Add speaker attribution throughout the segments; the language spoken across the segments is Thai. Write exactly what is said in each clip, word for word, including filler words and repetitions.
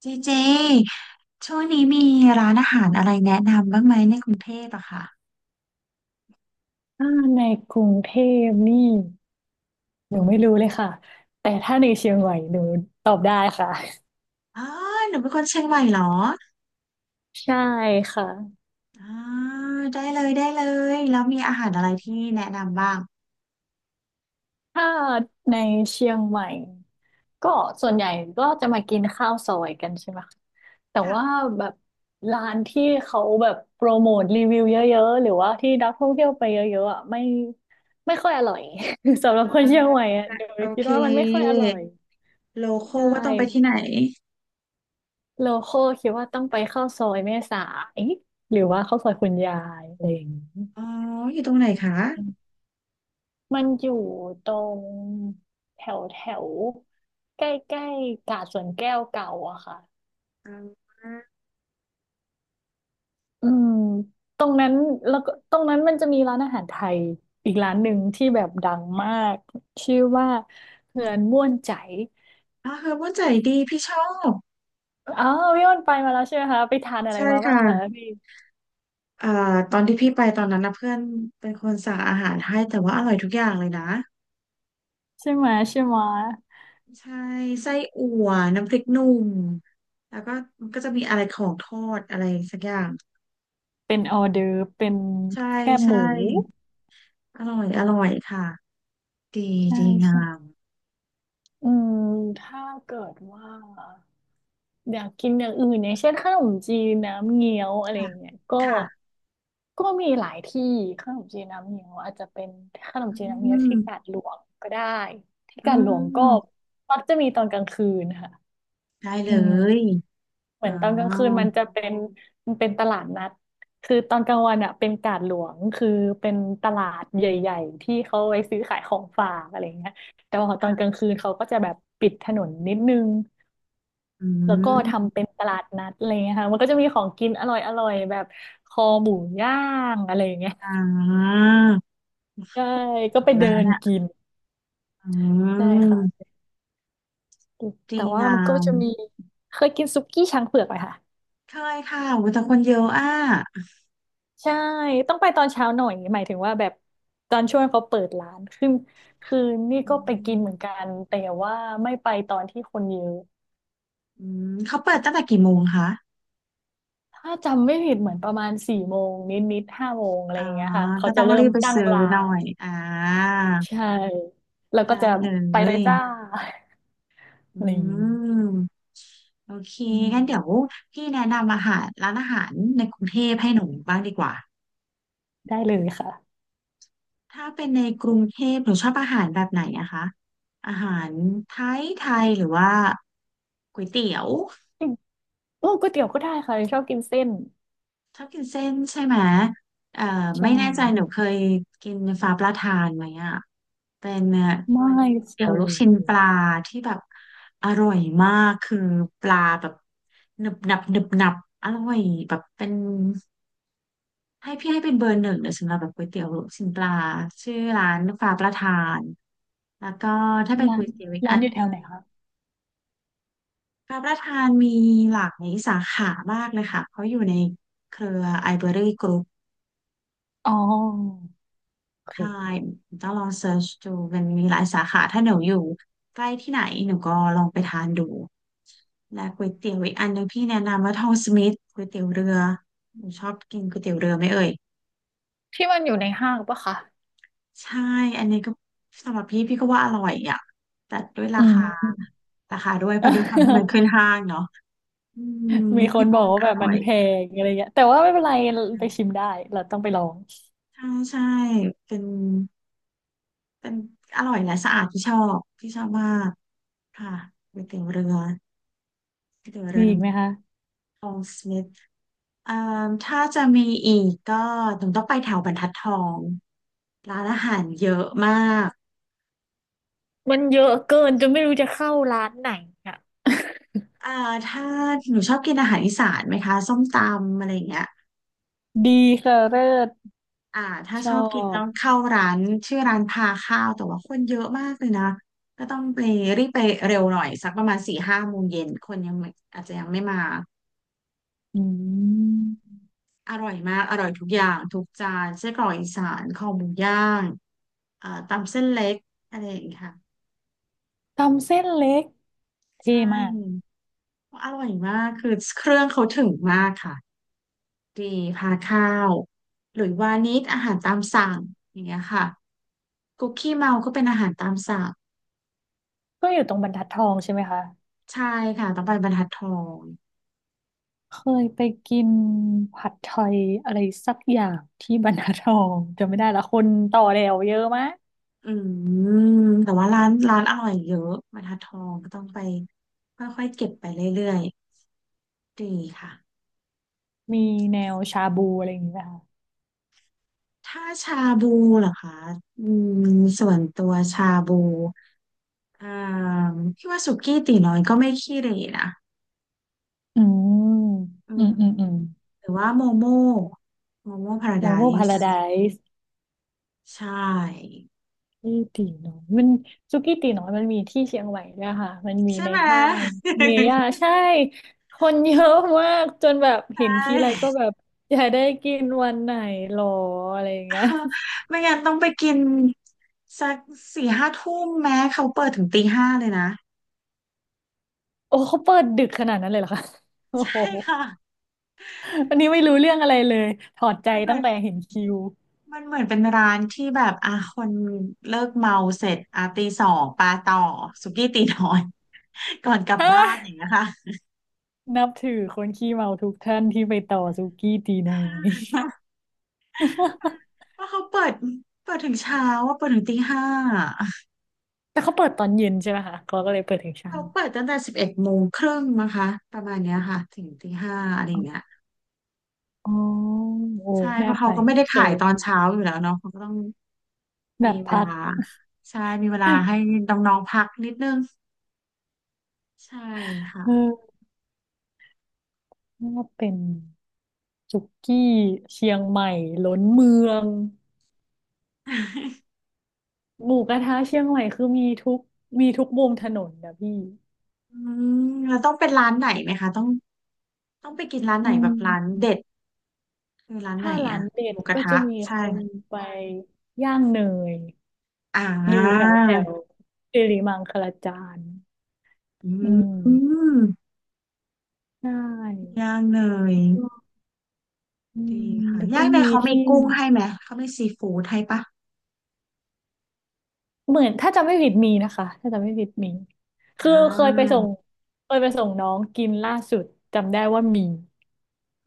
Speaker 1: เจเจช่วงนี้มีร้านอาหารอะไรแนะนำบ้างไหมในกรุงเทพอะค่ะ
Speaker 2: ถ้าในกรุงเทพนี่หนูไม่รู้เลยค่ะแต่ถ้าในเชียงใหม่หนูตอบได้ค่ะ
Speaker 1: อ๋อหนูเป็นคนเชียงใหม่เหรอ
Speaker 2: ใช่ค่ะ
Speaker 1: อ๋อได้เลยได้เลยแล้วมีอาหารอะไรที่แนะนำบ้าง
Speaker 2: ถ้าในเชียงใหม่ก็ส่วนใหญ่ก็จะมากินข้าวซอยกันใช่ไหมคะแต่
Speaker 1: ค่ะ
Speaker 2: ว่าแบบร้านที่เขาแบบโปรโมทรีวิวเยอะๆหรือว่าที่นักท่องเที่ยวไปเยอะๆอ่ะไม่ไม่ค่อยอร่อย สำหรับคนเชียงใหม่อ่ะหนู
Speaker 1: โอ
Speaker 2: คิด
Speaker 1: เค
Speaker 2: ว่ามันไม่ค่อยอร่อย
Speaker 1: โลโค
Speaker 2: ใช
Speaker 1: ว่าต้องไปที่
Speaker 2: ่
Speaker 1: ไหน
Speaker 2: โลคอลคิดว่าต้องไปเข้าซอยแม่สายหรือว่าเข้าซอยคุณยายอะไรอย่างนี้
Speaker 1: อ๋ออยู่ตรงไหนคะ
Speaker 2: อืมมันอยู่ตรงแถวแถวใกล้ใกล้กาดสวนแก้วเก่าอะค่ะ
Speaker 1: อ๋อ
Speaker 2: อืมตรงนั้นแล้วก็ตรงนั้นมันจะมีร้านอาหารไทยอีกร้านหนึ่งที่แบบดังมากชื่อว่าเฮือนม่วนใจ
Speaker 1: เฮอร์โบใจดีพี่ชอบ
Speaker 2: อ๋อพี่อ้นไปมาแล้วใช่ไหมคะไปทานอะไร
Speaker 1: ใช่
Speaker 2: มาบ้า
Speaker 1: ค่ะ
Speaker 2: งคะพี่
Speaker 1: เอ่อตอนที่พี่ไปตอนนั้นนะเพื่อนเป็นคนสั่งอาหารให้แต่ว่าอร่อยทุกอย่างเลยนะ
Speaker 2: ใช่ไหมใช่ไหม
Speaker 1: ใช่ไส้อั่วน้ำพริกหนุ่มแล้วก็มันก็จะมีอะไรของทอดอะไรสักอย่าง
Speaker 2: เป็นออเดอร์ฟเป็น
Speaker 1: ใช่
Speaker 2: แคบห
Speaker 1: ใช่
Speaker 2: มู
Speaker 1: อร่อยอร่อยค่ะดี
Speaker 2: ใช
Speaker 1: ดีงา
Speaker 2: ่
Speaker 1: ม
Speaker 2: อืมถ้าเกิดว่าอยากกินอย่างอื่นอย่างเช่นขนมจีนน้ำเงี้ยวอะไรอ
Speaker 1: ค่ะ
Speaker 2: ย่างเงี้ยก็
Speaker 1: ค่ะ
Speaker 2: ก็มีหลายที่ขนมจีนน้ำเงี้ยวอาจจะเป็นขนมจีนน้ำ
Speaker 1: อื
Speaker 2: เงี้ยว
Speaker 1: ม
Speaker 2: ที่กาดหลวงก็ได้ที่
Speaker 1: อื
Speaker 2: กาดหลวงก็
Speaker 1: ม
Speaker 2: มักจะมีตอนกลางคืนค่ะ
Speaker 1: ได้
Speaker 2: อื
Speaker 1: เล
Speaker 2: ม
Speaker 1: ย
Speaker 2: เห
Speaker 1: อ๋
Speaker 2: มือนตอนกลางคืน
Speaker 1: อ
Speaker 2: มันจะเป็นมันเป็นตลาดนัดคือตอนกลางวันอ่ะเป็นกาดหลวงคือเป็นตลาดใหญ่ๆที่เขาไว้ซื้อขายของฝากอะไรเงี้ยแต่ว่าตอนก
Speaker 1: ค่ะ
Speaker 2: ลางคืนเขาก็จะแบบปิดถนนนิดนึง
Speaker 1: อื
Speaker 2: แล้วก็
Speaker 1: ม
Speaker 2: ทำเป็นตลาดนัดอะไรอย่างเงี้ยค่ะมันก็จะมีของกินอร่อยอร่อยแบบคอหมูย่างอะไรอย่างเงี้ย
Speaker 1: อ่า
Speaker 2: ใช่
Speaker 1: อ
Speaker 2: ก็ไป
Speaker 1: ยู่
Speaker 2: เดิ
Speaker 1: แล้ว
Speaker 2: น
Speaker 1: น่ะ
Speaker 2: กิน
Speaker 1: อื
Speaker 2: ใช่
Speaker 1: ม
Speaker 2: ค่ะ
Speaker 1: ดี
Speaker 2: แต่ว่า
Speaker 1: งา
Speaker 2: มันก็
Speaker 1: ม
Speaker 2: จะมีเคยกินซุกี้ช้างเผือกไหมคะ
Speaker 1: เคยค่ะโอุยแต่คนเยอะอ่ะ
Speaker 2: ใช่ต้องไปตอนเช้าหน่อยหมายถึงว่าแบบตอนช่วงเขาเปิดร้านคือคือนี่
Speaker 1: อื
Speaker 2: ก็ไปกิ
Speaker 1: ม
Speaker 2: นเหมือนกัน แต่ว่าไม่ไปตอนที่คนเยอะ
Speaker 1: อืมเขาเปิดตั้งแต่กี่โมงคะ
Speaker 2: ถ้าจำไม่ผิดเหมือนประมาณสี่โมงนิดๆห้าโมงอะ
Speaker 1: อ๋
Speaker 2: ไร
Speaker 1: อ
Speaker 2: อย่างเงี้ยค่ะเขา
Speaker 1: ก็
Speaker 2: จะ
Speaker 1: ต้อง
Speaker 2: เริ่
Speaker 1: รี
Speaker 2: ม
Speaker 1: บไป
Speaker 2: ตั้ง
Speaker 1: ซื้อ
Speaker 2: ร้า
Speaker 1: หน่อ
Speaker 2: น
Speaker 1: ยอ่า
Speaker 2: ใช่แล้วก็
Speaker 1: ได้
Speaker 2: จะ
Speaker 1: เล
Speaker 2: ไปเลย
Speaker 1: ย
Speaker 2: จ้า
Speaker 1: อื
Speaker 2: อะไรอย่างนี้
Speaker 1: มโอเค
Speaker 2: อื
Speaker 1: งั้นเดี๋ยว
Speaker 2: ม
Speaker 1: พี่แนะนำอาหารร้านอาหารในกรุงเทพให้หนูบ้างดีกว่า
Speaker 2: ได้เลยค่ะ
Speaker 1: ถ้าเป็นในกรุงเทพหนูชอบอาหารแบบไหนนะคะ อาหารไทยไทยหรือว่าก๋วยเตี๋ยว
Speaker 2: อืมโอ้ก๋วยเตี๋ยวก็ได้ค่ะชอบกินเส้น
Speaker 1: ชอบกินเส้นใช่ไหมเอ่อ
Speaker 2: ใช่
Speaker 1: ไม่แน่ใจหนูเคยกินฟ้าปลาทานไหมอ่ะเป็นเอ่อ
Speaker 2: ไม่เค
Speaker 1: เดี๋ยวลูกชิ้นป
Speaker 2: ย
Speaker 1: ลาที่แบบอร่อยมากคือปลาแบบหนึบหนับหนึบหนับอร่อยแบบเป็นให้พี่ให้เป็นเบอร์หนึ่งเลยสำหรับแบบก๋วยเตี๋ยวลูกชิ้นปลาชื่อร้านฟ้าปลาทานแล้วก็ถ้าเป็น
Speaker 2: ร้า
Speaker 1: ก๋ว
Speaker 2: น
Speaker 1: ยเตี๋ยวอีก
Speaker 2: ร้า
Speaker 1: อั
Speaker 2: นอยู่แถว
Speaker 1: น
Speaker 2: ไหนคะ
Speaker 1: ฟ้าประทานมีหลากหลายสาขามากเลยค่ะเขาอยู่ในเครือไอเบอรี่กรุ๊
Speaker 2: อ๋อโอ
Speaker 1: ใช่
Speaker 2: เค
Speaker 1: ต้องลองเสิร์ชดูมันมีหลายสาขาถ้าหนูอยู่ใกล้ที่ไหนหนูก็ลองไปทานดูและก๋วยเตี๋ยวอีกอันหนึงพี่แนะนำว่าทองสมิธก๋วยเตี๋ยวเรือหนูชอบกินก๋วยเตี๋ยวเรือไหมเอ่ย
Speaker 2: ที่มันอยู่ในห้างปะคะ
Speaker 1: ใช่ อันนี้ก็สำหรับพี่พี่ก็ว่าอร่อยอ่ะแต่ด้วยรา
Speaker 2: อืม
Speaker 1: คาราคาด้วยเพราะด้วยความที่มันขึ้น ห้างเนาะอืม
Speaker 2: มีค
Speaker 1: พี่
Speaker 2: นบอ
Speaker 1: ว่า
Speaker 2: กว่า
Speaker 1: อ
Speaker 2: แบบ
Speaker 1: ร่
Speaker 2: มั
Speaker 1: อ
Speaker 2: น
Speaker 1: ย
Speaker 2: แพงอะไรเงี้ยแต่ว่าไม่เป็นไรไปชิมได้เราต้องไปลอง
Speaker 1: ใช่ใช่เป็นเป็นอร่อยและสะอาดที่ชอบที่ชอบมากค่ะก๋วยเตี๋ยวเรือก๋วยเตี๋ยวเรื
Speaker 2: มี
Speaker 1: อ
Speaker 2: อีกไหม
Speaker 1: น้
Speaker 2: คะ
Speaker 1: ทองสมิธเอ่าถ้าจะมีอีกก็หนูต้องไปแถวบรรทัดทองร้านอาหารเยอะมาก
Speaker 2: มันเยอะเกินจนไม่รู้จะเข้าร้านไหนอ่ะ
Speaker 1: อ่าถ้าหนูชอบกินอาหารอีสานไหมคะส้มตำอะไรอย่างเงี้ย
Speaker 2: ดีค่ะเลิศ
Speaker 1: อ่าถ้า
Speaker 2: ช
Speaker 1: ช
Speaker 2: อ
Speaker 1: อบกินต้
Speaker 2: บ
Speaker 1: องเข้าร้านชื่อร้านพาข้าวแต่ว่าคนเยอะมากเลยนะก็ต้องไปรีบไปเร็วหน่อยสักประมาณสี่ห้าโมงเย็นคนยังไม่อาจจะยังไม่มา
Speaker 2: อืม
Speaker 1: อร่อยมากอร่อยทุกอย่างทุกจานไส้กรอกอีสานคอหมูย่างอ่าตำเส้นเล็กอะไรอย่างเงี้ยค่ะ
Speaker 2: ตำเส้นเล็ก
Speaker 1: ใช
Speaker 2: เท่มาก
Speaker 1: ่ อร่อยมาก คือเครื่องเขาถึงมากค่ะ ดีพาข้าวหรือว่านิดอาหารตามสั่งอย่างเงี้ยค่ะคุกกี้เมาก็เป็นอาหารตามสั่ง
Speaker 2: ก็อยู่ตรงบรรทัดทองใช่ไหมคะ
Speaker 1: ใช่ค่ะต้องไปบรรทัดทอง
Speaker 2: เคยไปกินผัดไทยอะไรสักอย่างที่บรรทัดทองจำไม่ได้ละคนต่อแถวเยอะมาก
Speaker 1: อืมแต่ว่าร้านร้านอร่อยเยอะบรรทัดทองก็ต้องไปค่อยๆเก็บไปเรื่อยๆดีค่ะ
Speaker 2: มีแนวชาบูอะไรอย่างเงี้ยค่ะ
Speaker 1: ถ้าชาบูเหรอคะอืมส่วนตัวชาบูอ่าพี่ว่าสุกี้ตี๋น้อยก็ไม่ขี้เหร่นะ
Speaker 2: อืม
Speaker 1: อื
Speaker 2: อื
Speaker 1: ม
Speaker 2: มอืมอืม
Speaker 1: หรือว่าโมโมโมโมพารา
Speaker 2: โม
Speaker 1: ได
Speaker 2: โมพารา
Speaker 1: ซ์
Speaker 2: ได
Speaker 1: ใช่
Speaker 2: ที่ตีน้อยมันสุกี้ตีน้อยมันมีที่เชียงใหม่ด้วยค่ะมันมี
Speaker 1: ใช่
Speaker 2: ใน
Speaker 1: ไหม
Speaker 2: ห้างเมย่า ใช่คนเยอะมากจนแบบ
Speaker 1: ใช
Speaker 2: เห็น
Speaker 1: ่
Speaker 2: ทีไรก็แบบอยากได้กินวันไหนหรออะไรอย่างเงี้ย
Speaker 1: ไม่งั้นต้องไปกินสักสี่ห้าทุ่มแม้เขาเปิดถึงตีห้าเลยนะ
Speaker 2: โอ้เขาเปิดดึกขนาดนั้นเลยเหรอคะโอ้
Speaker 1: ใช่
Speaker 2: โห
Speaker 1: ค่ะ
Speaker 2: อันนี้ไม่
Speaker 1: เออ
Speaker 2: รู้เรื่องอะไรเลยถอดใจ
Speaker 1: มันเหมื
Speaker 2: ตั้
Speaker 1: อ
Speaker 2: ง
Speaker 1: น
Speaker 2: แต่เห็นคิว
Speaker 1: มันเหมือนเป็นร้านที่แบบอ่ะคนเลิกเมาเสร็จอ่ะตีสองปาต่อสุกี้ตีน้อย ก่อนกลับ
Speaker 2: ฮ
Speaker 1: บ้านอย่า
Speaker 2: ะ
Speaker 1: งเงี้ยค่ะ
Speaker 2: นับถือคนขี้เมาทุกท่านที่ไปต่อสุกี้ตีน้อย
Speaker 1: เพราะเขาเปิดเปิดถึงเช้าว่าเปิดถึงตีห้า
Speaker 2: แต่เขาเปิดตอนเย็นใช่ไหมคะเขาก็เลยเปิดถึงเช้า
Speaker 1: เขาเปิดตั้งแต่สิบเอ็ดโมงครึ่งนะคะประมาณเนี้ยค่ะถึงตีห้าอะไรอย่างเงี้ย
Speaker 2: อ๋อโอ้
Speaker 1: ใช่เพ
Speaker 2: น่า
Speaker 1: ราะ
Speaker 2: ไป
Speaker 1: เขาก็ไม่
Speaker 2: โอ
Speaker 1: ได้
Speaker 2: เค
Speaker 1: ขายตอนเช้าอยู่แล้วเนาะเขาก็ต้อง
Speaker 2: แบ
Speaker 1: มี
Speaker 2: บ
Speaker 1: เว
Speaker 2: พัก
Speaker 1: ลาใช่มีเวลาให้ น้องๆพักนิดนึงใช่ค่ะ
Speaker 2: เออว่าเป็นสุกี้เชียงใหม่ล้นเมือง หมูกระทะเชียงใหม่คือมีทุกมีทุกมุมถนนนะพี่
Speaker 1: อืมแล้วต้องเป็นร้านไหนไหมคะต้องต้องไปกินร้านไหน
Speaker 2: อื
Speaker 1: แบบร้าน
Speaker 2: ม
Speaker 1: เด็ดคือร้านไหน
Speaker 2: ถ้าร้า
Speaker 1: อะ
Speaker 2: นเด็
Speaker 1: ห
Speaker 2: ด
Speaker 1: มูกระ
Speaker 2: ก็
Speaker 1: ทะ
Speaker 2: จะมี
Speaker 1: ใช่
Speaker 2: คนไปย่างเนย
Speaker 1: อ่า
Speaker 2: อยู่แถวแถวสิริมังคลาจารย์
Speaker 1: อื
Speaker 2: อืม
Speaker 1: ม
Speaker 2: ใช่
Speaker 1: ย่างเนย
Speaker 2: อื
Speaker 1: ดี
Speaker 2: ม
Speaker 1: ค่ะ
Speaker 2: แล้วก็
Speaker 1: ย่างเนย
Speaker 2: มี
Speaker 1: เขามี
Speaker 2: ที่
Speaker 1: กุ้งให้ไหมเขามีซีฟู้ดให้ปะ
Speaker 2: เหมือนถ้าจำไม่ผิดมีนะคะถ้าจำไม่ผิดมี
Speaker 1: อ่
Speaker 2: คือเคยไปส่
Speaker 1: า
Speaker 2: งเคยไปส่งน้องกินล่าสุดจำได้ว่ามี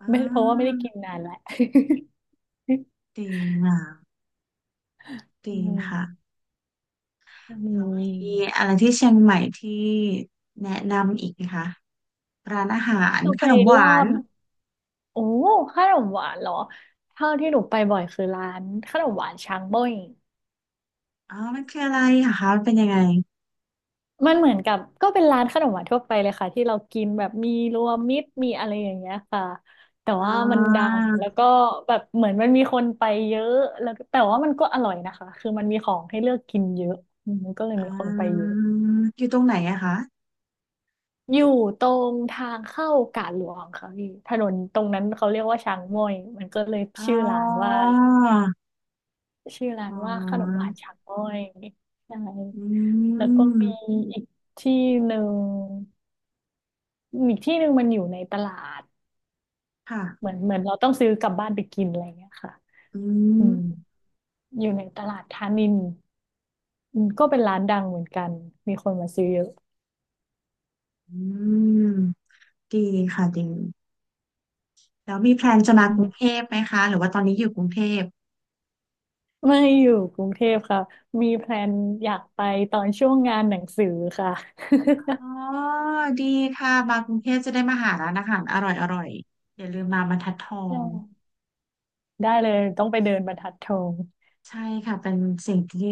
Speaker 1: อ่
Speaker 2: ไม่เพราะว่าไม่ได้
Speaker 1: า
Speaker 2: กินนานแล้ว
Speaker 1: ดีงาม
Speaker 2: อื
Speaker 1: ดีค่ะ
Speaker 2: มม
Speaker 1: แล้วมี
Speaker 2: ี
Speaker 1: อะไรที่เชียงใหม่ที่แนะนำอีกไหมคะร้านอาหาร
Speaker 2: ต้อง
Speaker 1: ข
Speaker 2: ไป
Speaker 1: นมห
Speaker 2: ลา
Speaker 1: วาน
Speaker 2: บโอ้ขนมหวานเหรอเท่าที่หนูไปบ่อยคือร้านขนมหวานช้างเบ้ย
Speaker 1: อ๋อมันคืออะไรอะคะมันเป็นยังไง
Speaker 2: มันเหมือนกับก็เป็นร้านขนมหวานทั่วไปเลยค่ะที่เรากินแบบมีรวมมิตรมีอะไรอย่างเงี้ยค่ะแต่
Speaker 1: อ่
Speaker 2: ว่ามันดั
Speaker 1: า
Speaker 2: งแล้วก็แบบเหมือนมันมีคนไปเยอะแล้วแต่ว่ามันก็อร่อยนะคะคือมันมีของให้เลือกกินเยอะอืมมันก็เลย
Speaker 1: อ่
Speaker 2: มีคนไปเย
Speaker 1: า
Speaker 2: อะ
Speaker 1: อยู่ตรงไหนอะคะ
Speaker 2: อยู่ตรงทางเข้ากาดหลวงค่ะพี่ถนนตรงนั้นเขาเรียกว่าช้างม้อยมันก็เลย
Speaker 1: อ๋
Speaker 2: ชื่อร้านว่า
Speaker 1: อ
Speaker 2: ชื่อร้า
Speaker 1: อ๋
Speaker 2: นว่าขนม
Speaker 1: อ
Speaker 2: หวานช้างม้อยใช่
Speaker 1: อื
Speaker 2: แล้วก็มี
Speaker 1: ม
Speaker 2: อีกที่หนึ่ง อีกที่หนึ่งมันอยู่ในตลาด
Speaker 1: ค่ะ
Speaker 2: เหมือนเหมือนเราต้องซื้อกลับบ้านไปกินอะไรเงี้ยค่ะ
Speaker 1: อื
Speaker 2: อืม
Speaker 1: ม
Speaker 2: อยู่ในตลาดธานินอืมก็เป็นร้านดังเหมือนกันมีคนมาซื้อเยอะ
Speaker 1: อืมดีค่ะดีแล้วมีแพลนจะมา
Speaker 2: อื
Speaker 1: กรุงเท
Speaker 2: ม
Speaker 1: พไหมคะหรือว่าตอนนี้อยู่กรุงเทพ
Speaker 2: ไม่อยู่กรุงเทพค่ะมีแพลนอยากไปตอนช่วงงานหนังสือค่ะ
Speaker 1: อ๋อดีค่ะมากรุงเทพจะได้มาหาร้านอาหารอร่อยอร่อยอย่าลืมมาบรรทัดทอง
Speaker 2: ได้เลยต้องไปเดินบรรทัดทอง
Speaker 1: ใช่ค่ะเป็นสิ่งที่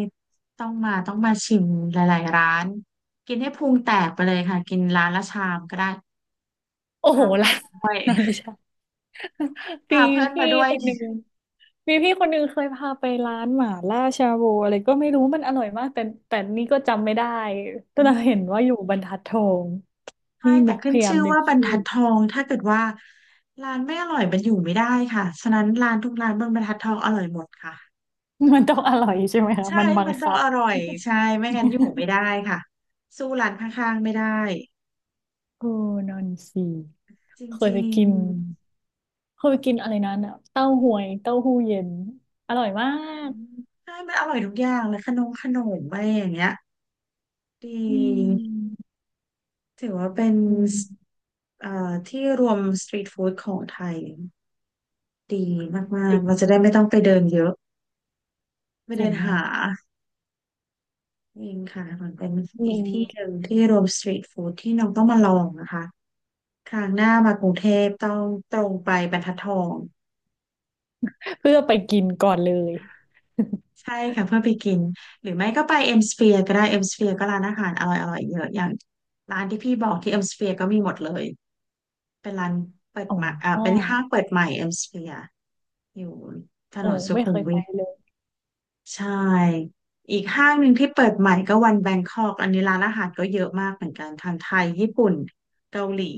Speaker 1: ต้องมาต้องมาชิมหลายๆร้านกินให้พุงแตกไปเลยค่ะกินร้านละชามก็ได้
Speaker 2: โอ้โห
Speaker 1: พาเพื่
Speaker 2: ล้ะ
Speaker 1: อน
Speaker 2: นั้น ไล่ใช่ มี
Speaker 1: พาเพื่อน
Speaker 2: พี่
Speaker 1: มาด้วย
Speaker 2: คนหนึ่งมีพี่คนหนึ่งเคยพาไปร้านหม่าล่าชาบูอะไรก็ไม่รู้มันอร่อยมากแต่แต่นี่ก็จำไม่ได้แต่
Speaker 1: อื
Speaker 2: เรา
Speaker 1: ม
Speaker 2: เห็นว่าอยู่บรรทัดทอง
Speaker 1: ใช่
Speaker 2: นี่นึ
Speaker 1: แต่
Speaker 2: กพ
Speaker 1: ขึ้น
Speaker 2: ยายาม
Speaker 1: ชื่อ
Speaker 2: นึก
Speaker 1: ว่าบรร
Speaker 2: ชื่อ
Speaker 1: ทัดทองถ้าเกิดว่าร้านไม่อร่อยมันอยู่ไม่ได้ค่ะฉะนั้นร้านทุกร้านบนบรรทัดทองอร่อยหมดค่ะ
Speaker 2: มันต้องอร่อยใช่ไหมคะ
Speaker 1: ใช่
Speaker 2: มันบัง
Speaker 1: มันต้อ
Speaker 2: คั
Speaker 1: ง
Speaker 2: บ
Speaker 1: อร่อยใช่ไม่งั้นอยู่ไม่ได้ ค่ะสู้ร้านข้างๆไม่ได้
Speaker 2: โอ้นอนสี
Speaker 1: จ
Speaker 2: เคยไป
Speaker 1: ริง
Speaker 2: กินเคยไปกินอะไรนั้นอ่ะเต้าหวยเต้าหู้เย็นอร่อยมา
Speaker 1: ๆอื
Speaker 2: ก
Speaker 1: มใช่มันอร่อยทุกอย่างเลยขนมขนมอะไรอย่างเงี้ยด
Speaker 2: อื
Speaker 1: ี
Speaker 2: ม
Speaker 1: ถือว่าเป็น
Speaker 2: อืม
Speaker 1: เอ่อที่รวมสตรีทฟู้ดของไทยดีมาก
Speaker 2: เจ๋ง
Speaker 1: ๆเราจะได้ไม่ต้องไปเดินเยอะไม่
Speaker 2: เจ๋
Speaker 1: เดิ
Speaker 2: ง
Speaker 1: น
Speaker 2: มา
Speaker 1: หา
Speaker 2: ก
Speaker 1: เองค่ะมันเป็นอี
Speaker 2: มี
Speaker 1: กที่หนึ่งที่รวมสตรีทฟู้ดที่น้องต้องมาลองนะคะครั้งหน้ามากรุงเทพต้องตรงไปบรรทัดทอง
Speaker 2: เพื่อไปกินก่อนเลย
Speaker 1: ใช่ค่ะเพื่อไปกินหรือไม่ก็ไปเอ็มสเฟียร์ก็ได้เอ็มสเฟียร์ก็ร้านอาหารอร่อยอร่อยเยอะอย่างร้านที่พี่บอกที่เอ็มสเฟียร์ก็มีหมดเลยเป็นร้านเปิด
Speaker 2: อ
Speaker 1: ใหม่อ่า
Speaker 2: ๋อ
Speaker 1: เป็นห้างเปิดใหม่เอ็มสเฟียร์อยู่ถ
Speaker 2: โอ้
Speaker 1: นนสุ
Speaker 2: ไม่
Speaker 1: ขุ
Speaker 2: เค
Speaker 1: ม
Speaker 2: ย
Speaker 1: วิ
Speaker 2: ไป
Speaker 1: ท
Speaker 2: เลย
Speaker 1: ใช่อีกห้างหนึ่งที่เปิดใหม่ก็วันแบงคอกอันนี้ร้านอาหารก็เยอะมากเหมือนกันทั้งไทยญี่ปุ่นเกาหลี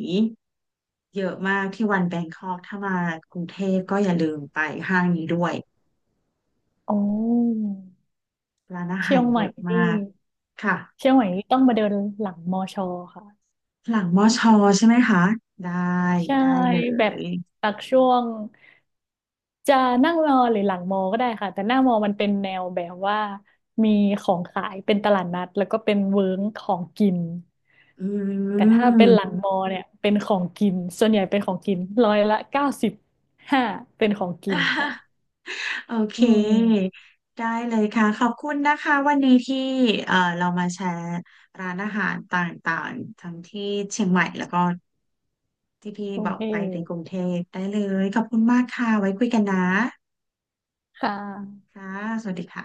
Speaker 1: เยอะมากที่วันแบงคอกถ้ามากรุงเทพก็อย่าลืมไปห้างนี้ด้วย
Speaker 2: อ๋อ
Speaker 1: ร้านอา
Speaker 2: เชี
Speaker 1: หา
Speaker 2: ยง
Speaker 1: ร
Speaker 2: ให
Speaker 1: เย
Speaker 2: ม่
Speaker 1: อะ
Speaker 2: นี่
Speaker 1: มากค่ะ
Speaker 2: เชียงใหม่นี่ต้องมาเดินหลังมอชอค่ะ
Speaker 1: หลังมอชอใช่ไหมคะได้
Speaker 2: ใช่
Speaker 1: ได้เล
Speaker 2: แบบ
Speaker 1: ย
Speaker 2: ตักช่วงจะนั่งรอหรือหลังมอก็ได้ค่ะ แต่หน้ามอมันเป็นแนวแบบว่ามีของขายเป็นตลาดนัดแล้วก็เป็นเวิ้งของกิน
Speaker 1: อื
Speaker 2: แต่ถ้าเป็นห
Speaker 1: ม
Speaker 2: ลังมอเนี่ยเป็นของกินส่วนใหญ่เป็นของกินร้อยละเก้าสิบห้าเป็นของกินค่ะ
Speaker 1: โอเค
Speaker 2: อืม
Speaker 1: ได้เลยค่ะขอบคุณนะคะวันนี้ที่เอ่อเรามาแชร์ร้านอาหารต่างๆทั้งที่เชียงใหม่แล้วก็ที่พี่
Speaker 2: โอ
Speaker 1: บอ
Speaker 2: เค
Speaker 1: กไปถึงกรุงเทพได้เลยขอบคุณมากค่ะไว้คุยกันนะ
Speaker 2: ค่ะ
Speaker 1: ค่ะสวัสดีค่ะ